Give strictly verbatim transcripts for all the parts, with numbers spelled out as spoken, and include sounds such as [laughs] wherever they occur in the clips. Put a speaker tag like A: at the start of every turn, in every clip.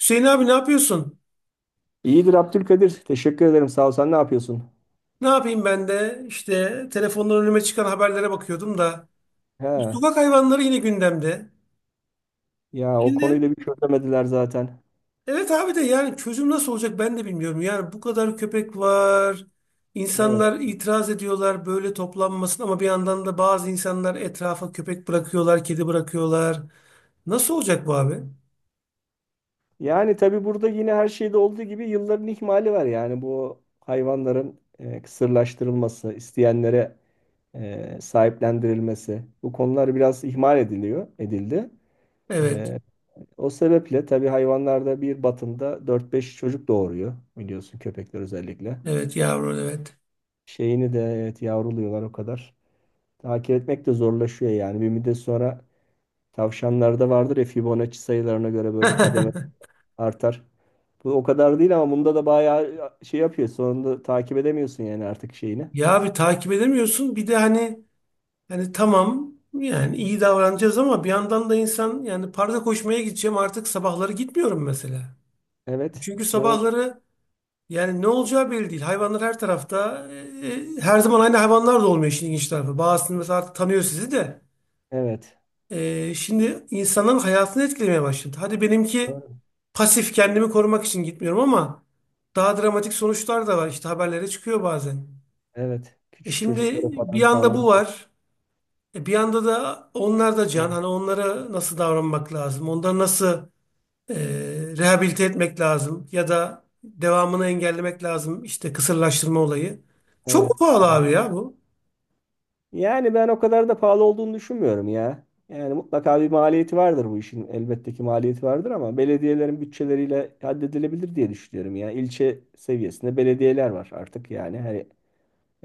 A: Hüseyin abi ne yapıyorsun?
B: İyidir Abdülkadir. Teşekkür ederim. Sağ ol. Sen ne yapıyorsun?
A: Ne yapayım ben de işte telefondan önüme çıkan haberlere bakıyordum da
B: He.
A: sokak hayvanları yine gündemde.
B: Ya o konuyu
A: Şimdi
B: da bir şey çözemediler zaten.
A: evet abi de yani çözüm nasıl olacak ben de bilmiyorum. Yani bu kadar köpek var.
B: Evet.
A: İnsanlar itiraz ediyorlar böyle toplanmasın ama bir yandan da bazı insanlar etrafa köpek bırakıyorlar, kedi bırakıyorlar. Nasıl olacak bu abi?
B: Yani tabii burada yine her şeyde olduğu gibi yılların ihmali var. Yani bu hayvanların e, kısırlaştırılması, isteyenlere e, sahiplendirilmesi. Bu konular biraz ihmal ediliyor, edildi.
A: Evet.
B: E, o sebeple tabii hayvanlarda bir batında dört beş çocuk doğuruyor biliyorsun köpekler özellikle.
A: Evet yavrum evet.
B: Şeyini de evet yavruluyorlar o kadar. Takip etmek de zorlaşıyor yani. Bir müddet sonra tavşanlarda vardır ya Fibonacci sayılarına göre böyle kademe
A: [laughs]
B: artar. Bu o kadar değil ama bunda da bayağı şey yapıyor. Sonunda takip edemiyorsun yani artık şeyini.
A: Ya bir takip edemiyorsun. Bir de hani yani tamam yani iyi davranacağız ama bir yandan da insan yani parka koşmaya gideceğim artık sabahları gitmiyorum mesela.
B: Evet.
A: Çünkü
B: Doğru.
A: sabahları yani ne olacağı belli değil. Hayvanlar her tarafta. E, e, her zaman aynı hayvanlar da olmuyor işin ilginç tarafı. Bazısını mesela artık tanıyor sizi de.
B: Evet.
A: E, şimdi insanların hayatını etkilemeye başladı. Hadi benimki
B: Doğru.
A: pasif kendimi korumak için gitmiyorum ama daha dramatik sonuçlar da var. İşte haberlere çıkıyor bazen.
B: Evet.
A: E
B: Küçük
A: şimdi
B: çocuklara
A: bir
B: falan
A: anda bu
B: saldırıyor.
A: var. E, Bir yanda da onlar da can.
B: Evet.
A: Hani onlara nasıl davranmak lazım? Onları nasıl e, rehabilite etmek lazım? Ya da devamını engellemek lazım. İşte kısırlaştırma olayı. Çok mu
B: Evet.
A: pahalı abi ya bu.
B: Yani ben o kadar da pahalı olduğunu düşünmüyorum ya. Yani mutlaka bir maliyeti vardır bu işin. Elbette ki maliyeti vardır ama belediyelerin bütçeleriyle halledilebilir diye düşünüyorum ya. İlçe seviyesinde belediyeler var artık yani. Her,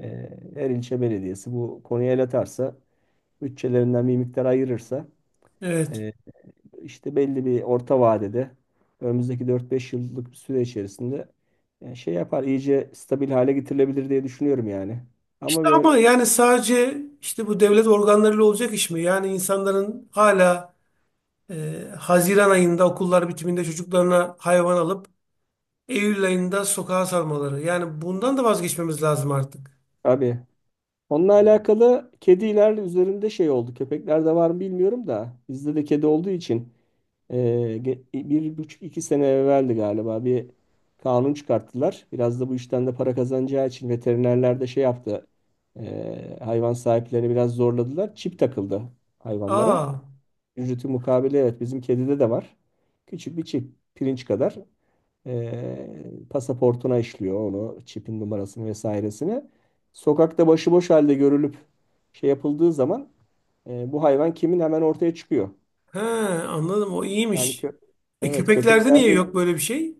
B: e, her ilçe belediyesi bu konuya el atarsa, bütçelerinden bir miktar ayırırsa
A: Evet.
B: e, işte belli bir orta vadede önümüzdeki dört beş yıllık bir süre içerisinde e, şey yapar, iyice stabil hale getirilebilir diye düşünüyorum yani. Ama
A: İşte
B: böyle,
A: ama yani sadece işte bu devlet organlarıyla olacak iş mi? Yani insanların hala e, Haziran ayında okullar bitiminde çocuklarına hayvan alıp Eylül ayında sokağa salmaları. Yani bundan da vazgeçmemiz lazım artık.
B: abi. Onunla alakalı kediler üzerinde şey oldu. Köpeklerde var mı bilmiyorum da bizde de kedi olduğu için e, ge- bir buçuk iki sene evveldi galiba bir kanun çıkarttılar. Biraz da bu işten de para kazanacağı için veterinerler de şey yaptı. e, hayvan sahiplerini biraz zorladılar. Çip takıldı hayvanlara.
A: Aa.
B: Ücreti mukabili evet bizim kedide de var. Küçük bir çip pirinç kadar e, pasaportuna işliyor onu çipin numarasını vesairesini. Sokakta başıboş halde görülüp şey yapıldığı zaman e, bu hayvan kimin hemen ortaya çıkıyor.
A: He, anladım o
B: Yani
A: iyiymiş.
B: kö
A: E,
B: evet
A: köpeklerde niye
B: köpeklerde.
A: yok böyle bir şey?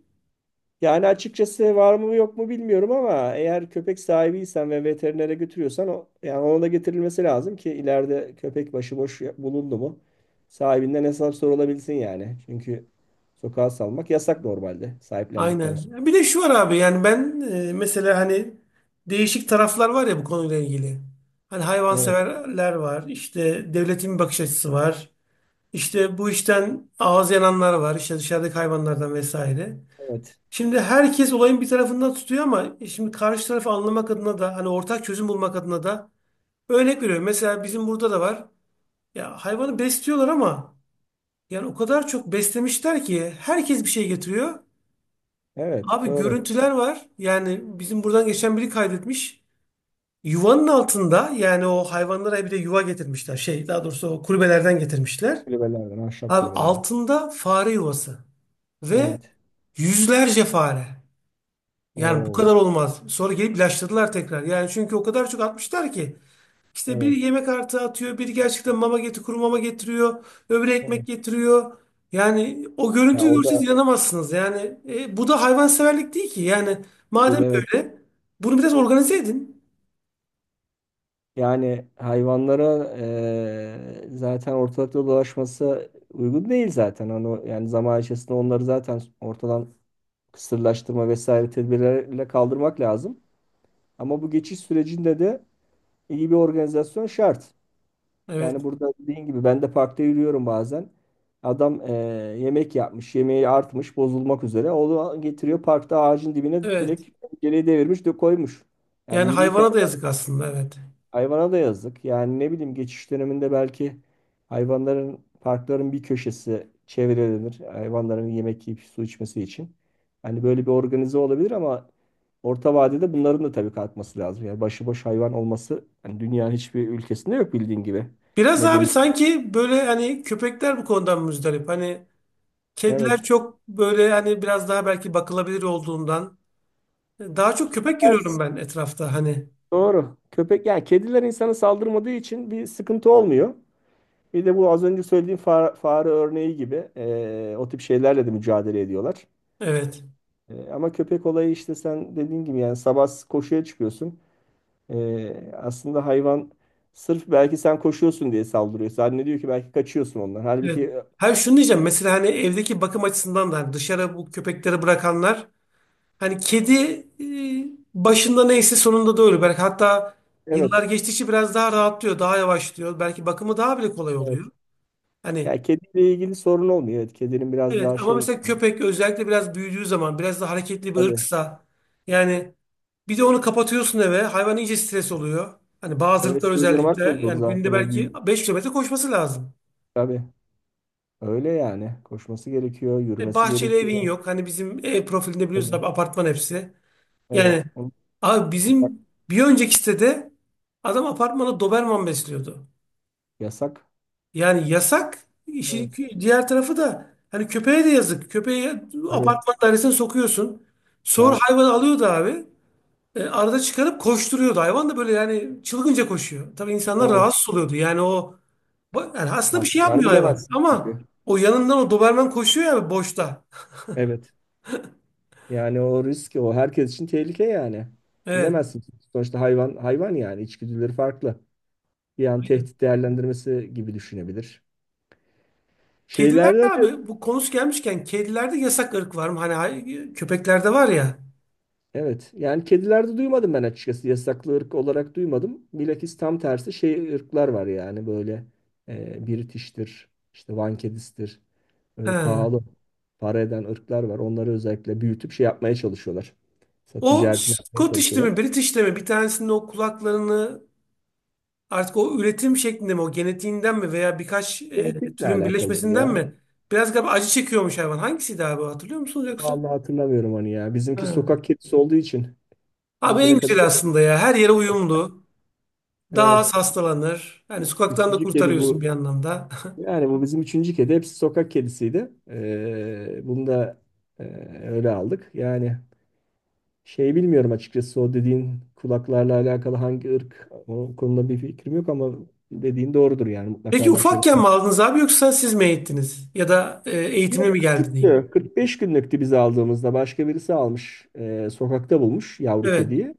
B: Yani açıkçası var mı yok mu bilmiyorum ama eğer köpek sahibiysen ve veterinere götürüyorsan o, yani ona da getirilmesi lazım ki ileride köpek başıboş ya- bulundu mu sahibinden hesap sorulabilsin yani. Çünkü sokağa salmak yasak normalde sahiplendikten
A: Aynen. Bir
B: sonra.
A: de şu var abi yani ben e, mesela hani değişik taraflar var ya bu konuyla ilgili. Hani
B: Evet,
A: hayvanseverler var, işte devletin bir bakış açısı var, işte bu işten ağız yananlar var, işte dışarıdaki hayvanlardan vesaire.
B: evet,
A: Şimdi herkes olayın bir tarafından tutuyor ama e, şimdi karşı tarafı anlamak adına da hani ortak çözüm bulmak adına da örnek veriyorum. Mesela bizim burada da var. Ya hayvanı besliyorlar ama yani o kadar çok beslemişler ki herkes bir şey getiriyor.
B: evet,
A: Abi
B: doğru.
A: görüntüler var. Yani bizim buradan geçen biri kaydetmiş. Yuvanın altında yani o hayvanlara bir de yuva getirmişler. Şey daha doğrusu o kulübelerden getirmişler.
B: Kulübelerden, ahşap
A: Abi
B: kulübelerden.
A: altında fare yuvası ve
B: Evet.
A: yüzlerce fare. Yani bu
B: Oo,
A: kadar olmaz. Sonra gelip ilaçladılar tekrar. Yani çünkü o kadar çok atmışlar ki. İşte bir
B: evet.
A: yemek artı atıyor, bir gerçekten mama getir, kuru mama getiriyor, öbürü
B: Evet.
A: ekmek getiriyor. Yani o
B: Ya
A: görüntüyü
B: o
A: görseniz
B: da
A: inanamazsınız. Yani e, bu da hayvanseverlik değil ki. Yani
B: değil,
A: madem
B: evet.
A: böyle, bunu biraz organize edin.
B: Yani hayvanlara eee, zaten ortalıkta dolaşması uygun değil zaten. Onu, yani zaman içerisinde onları zaten ortadan kısırlaştırma vesaire tedbirlerle kaldırmak lazım. Ama bu geçiş sürecinde de iyi bir organizasyon şart. Yani
A: Evet,
B: burada dediğin gibi ben de parkta yürüyorum bazen. Adam eee, yemek yapmış, yemeği artmış, bozulmak üzere. Onu getiriyor parkta ağacın dibine
A: evet.
B: direkt geriye devirmiş de koymuş. Yani
A: Yani
B: yürürken.
A: hayvana da yazık aslında, evet.
B: Hayvana da yazık. Yani ne bileyim geçiş döneminde belki hayvanların parkların bir köşesi çevrelenir. Hayvanların yemek yiyip su içmesi için. Hani böyle bir organize olabilir ama orta vadede bunların da tabii kalkması lazım. Yani başıboş hayvan olması hani dünyanın hiçbir ülkesinde yok bildiğin gibi.
A: Biraz abi
B: Medeni.
A: sanki böyle hani köpekler bu konudan müzdarip. Hani kediler
B: Evet.
A: çok böyle hani biraz daha belki bakılabilir olduğundan. Daha çok köpek görüyorum
B: Ters.
A: ben etrafta hani.
B: Doğru. Köpek yani kediler insana saldırmadığı için bir sıkıntı olmuyor. Bir de bu az önce söylediğim fa- fare örneği gibi eee, o tip şeylerle de mücadele ediyorlar.
A: Evet.
B: E, ama köpek olayı işte sen dediğin gibi yani sabah koşuya çıkıyorsun. E, aslında hayvan sırf belki sen koşuyorsun diye saldırıyor. Zannediyor ki belki kaçıyorsun ondan.
A: Evet.
B: Halbuki e,
A: Hayır şunu diyeceğim. Mesela hani evdeki bakım açısından da hani dışarı bu köpekleri bırakanlar hani kedi e, başında neyse sonunda da öyle. Belki hatta yıllar
B: evet.
A: geçtikçe biraz daha rahatlıyor, daha yavaşlıyor. Belki bakımı daha bile kolay oluyor.
B: Evet.
A: Hani
B: Yani kediyle ilgili sorun olmuyor. Evet, kedinin biraz
A: evet
B: daha
A: ama
B: şey
A: mesela köpek özellikle biraz büyüdüğü zaman biraz da hareketli bir
B: tabii,
A: ırksa yani bir de onu kapatıyorsun eve hayvan iyice stres oluyor. Hani bazı
B: eve
A: ırklar özellikle
B: sığdırmak da zor
A: yani
B: zaten
A: günde
B: o
A: belki
B: büyük.
A: beş kilometre koşması lazım.
B: Tabii. Öyle yani. Koşması gerekiyor,
A: E,
B: yürümesi
A: bahçeli evin
B: gerekiyor.
A: yok. Hani bizim ev profilinde biliyorsun abi
B: Tabii.
A: apartman hepsi. Yani
B: Evet. Onu
A: abi
B: yasak.
A: bizim bir önceki sitede adam apartmana Doberman besliyordu.
B: Yasak.
A: Yani yasak. İşin
B: Evet.
A: kü- diğer tarafı da hani köpeğe de yazık. Köpeği
B: Tabii.
A: apartman dairesine sokuyorsun. Sonra
B: Yani
A: hayvan alıyordu abi. E, arada çıkarıp koşturuyordu. Hayvan da böyle yani çılgınca koşuyor. Tabii insanlar
B: evet.
A: rahatsız oluyordu. Yani o ba- yani
B: Ne
A: aslında bir şey
B: yapacağını
A: yapmıyor hayvan.
B: bilemezsin
A: Ama
B: çünkü.
A: o yanından o Doberman koşuyor ya boşta.
B: Evet. Yani o risk, o herkes için tehlike yani.
A: Evet.
B: Bilemezsin. Sonuçta hayvan hayvan, yani içgüdüleri farklı. Bir an tehdit değerlendirmesi gibi düşünebilir.
A: Kedilerde
B: Şeylerde de
A: abi bu konusu gelmişken kedilerde yasak ırk var mı? Hani hay- köpeklerde var ya.
B: evet, yani kedilerde duymadım ben açıkçası, yasaklı ırk olarak duymadım. Bilakis tam tersi şey ırklar var yani böyle e, British'tir, işte Van kedisidir,
A: He.
B: öyle pahalı para eden ırklar var. Onları özellikle büyütüp şey yapmaya çalışıyorlar. Sa-
A: O
B: Ticaretini yapmaya
A: Scottish'te mi,
B: çalışıyorlar.
A: British'te mi bir tanesinin o kulaklarını artık o üretim şeklinde mi, o genetiğinden mi veya birkaç e,
B: Genetikle
A: türün
B: alakalıdır
A: birleşmesinden
B: ya.
A: mi? Biraz galiba acı çekiyormuş hayvan. Hangisiydi abi o, hatırlıyor musunuz yoksa?
B: Vallahi hatırlamıyorum onu ya.
A: He.
B: Bizimki sokak kedisi olduğu için
A: Abi en
B: bugüne kadar
A: güzel
B: hep-
A: aslında ya. Her yere uyumlu. Daha az
B: evet.
A: hastalanır. Yani sokaktan da
B: Üçüncü kedi
A: kurtarıyorsun
B: bu.
A: bir anlamda. [laughs]
B: Yani bu bizim üçüncü kedi. Hepsi sokak kedisiydi. Ee, bunu da e, öyle aldık. Yani şey, bilmiyorum açıkçası o dediğin kulaklarla alakalı hangi ırk, o konuda bir fikrim yok ama dediğin doğrudur yani,
A: Peki
B: mutlaka bir şeyler
A: ufakken
B: var.
A: mi aldınız abi yoksa siz mi eğittiniz? Ya da e, eğitimli
B: Yok,
A: mi geldi diyeyim?
B: küçüktü. kırk beş günlüktü biz aldığımızda. Başka birisi almış. e, sokakta bulmuş yavru
A: Evet.
B: kediyi.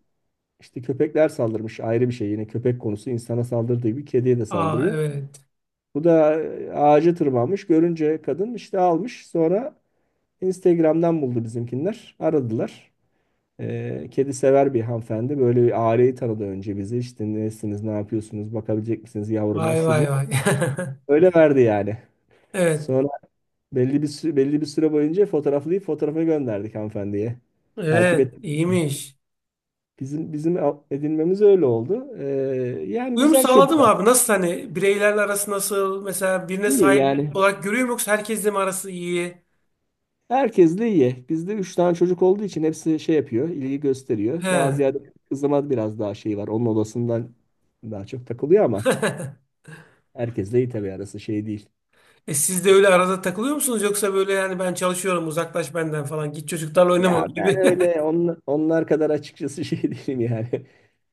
B: İşte köpekler saldırmış ayrı bir şey. Yine köpek konusu insana saldırdığı gibi kediye de
A: Aa
B: saldırıyor.
A: evet.
B: Bu da e, ağaca tırmanmış. Görünce kadın işte almış. Sonra Instagram'dan buldu bizimkinler. Aradılar. E, kedi sever bir hanımefendi. Böyle bir aileyi tanıdı, önce bizi. İşte nesiniz, ne yapıyorsunuz, bakabilecek misiniz yavruma,
A: Vay
B: şu
A: vay
B: bu.
A: vay. [laughs]
B: Öyle verdi yani.
A: Evet.
B: Sonra belli bir sü- belli bir süre boyunca fotoğraflayıp fotoğrafı gönderdik hanımefendiye. Takip et.
A: Evet. iyiymiş.
B: Bizim bizim edinmemiz öyle oldu. E, yani
A: Uyum
B: güzel kedi.
A: sağladım abi. Nasıl hani bireylerle arası nasıl? Mesela birine
B: İyi
A: sahip
B: yani.
A: olarak görüyor mu yoksa herkesle mi arası iyi?
B: Herkesle iyi. Bizde üç tane çocuk olduğu için hepsi şey yapıyor, ilgi gösteriyor. Daha
A: He.
B: ziyade kızıma biraz daha şey var. Onun odasından daha çok takılıyor ama
A: [laughs]
B: herkesle iyi tabii, arası şey değil.
A: E siz de öyle arada takılıyor musunuz yoksa böyle yani ben çalışıyorum uzaklaş benden falan git çocuklarla oynama öyle
B: Ya ben
A: bir.
B: öyle
A: [laughs]
B: on, onlar kadar açıkçası şey [laughs] değilim yani.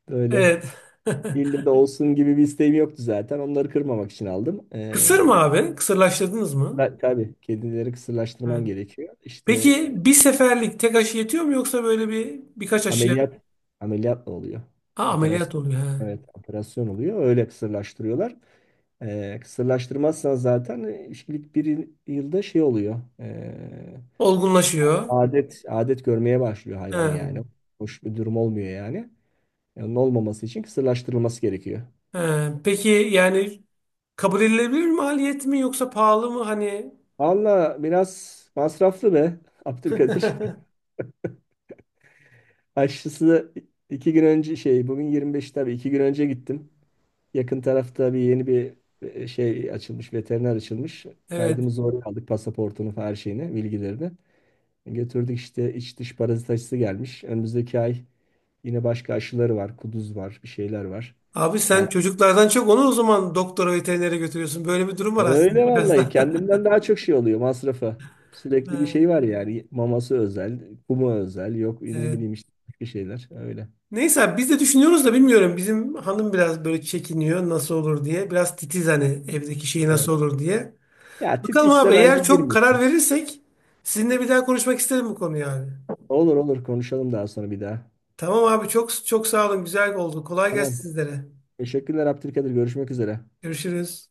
B: Böyle
A: Evet. [laughs]
B: ille de olsun gibi bir isteğim yoktu zaten. Onları kırmamak için aldım.
A: Kısır mı
B: Ee,
A: abi? Kısırlaştırdınız mı?
B: ben- tabii kedileri
A: He.
B: kısırlaştırman gerekiyor. İşte
A: Peki
B: e,
A: bir seferlik tek aşı yetiyor mu yoksa böyle bir birkaç aşı?
B: ameliyat ameliyatla oluyor.
A: Ha, ameliyat
B: Operasyon.
A: oluyor. Ha
B: Evet, operasyon oluyor. Öyle kısırlaştırıyorlar. E, kısırlaştırmazsan zaten e, ilk bir yıl- yılda şey oluyor. E,
A: Olgunlaşıyor.
B: adet adet görmeye başlıyor hayvan
A: He.
B: yani. Hoş bir durum olmuyor yani. E, Onun olmaması için kısırlaştırılması gerekiyor.
A: He. Peki yani kabul edilebilir maliyet mi yoksa pahalı mı hani
B: Valla biraz masraflı be Abdülkadir. [laughs] Aşısı iki gün önce şey, bugün yirmi beş, tabii iki gün önce gittim. Yakın tarafta bir yeni bir e, şey açılmış, veteriner açılmış.
A: Evet.
B: Kaydımızı oraya aldık, pasaportunu, her şeyini, bilgilerini. Götürdük, işte iç dış parazit aşısı gelmiş. Önümüzdeki ay yine başka aşıları var. Kuduz var, bir şeyler var.
A: Abi sen
B: Yani
A: çocuklardan çok onu o zaman doktora veterinere götürüyorsun. Böyle bir durum var aslında
B: öyle,
A: biraz
B: vallahi
A: da. [laughs]
B: kendimden daha çok şey oluyor masrafı. Sürekli bir
A: Ha,
B: şey var yani. Maması özel, kumu özel. Yok ne
A: Evet.
B: bileyim işte, bir şeyler öyle.
A: Neyse abi biz de düşünüyoruz da bilmiyorum. Bizim hanım biraz böyle çekiniyor nasıl olur diye. Biraz titiz hani evdeki şey
B: Evet.
A: nasıl olur diye.
B: Ya
A: Bakalım
B: titizse
A: abi
B: bence
A: eğer çok karar
B: girmesin.
A: verirsek sizinle bir daha konuşmak isterim bu konuyu abi.
B: Olur olur, konuşalım daha sonra bir daha.
A: Tamam abi çok çok sağ olun. Güzel oldu. Kolay gelsin
B: Tamam.
A: sizlere.
B: Teşekkürler Abdülkadir. Görüşmek üzere.
A: Görüşürüz.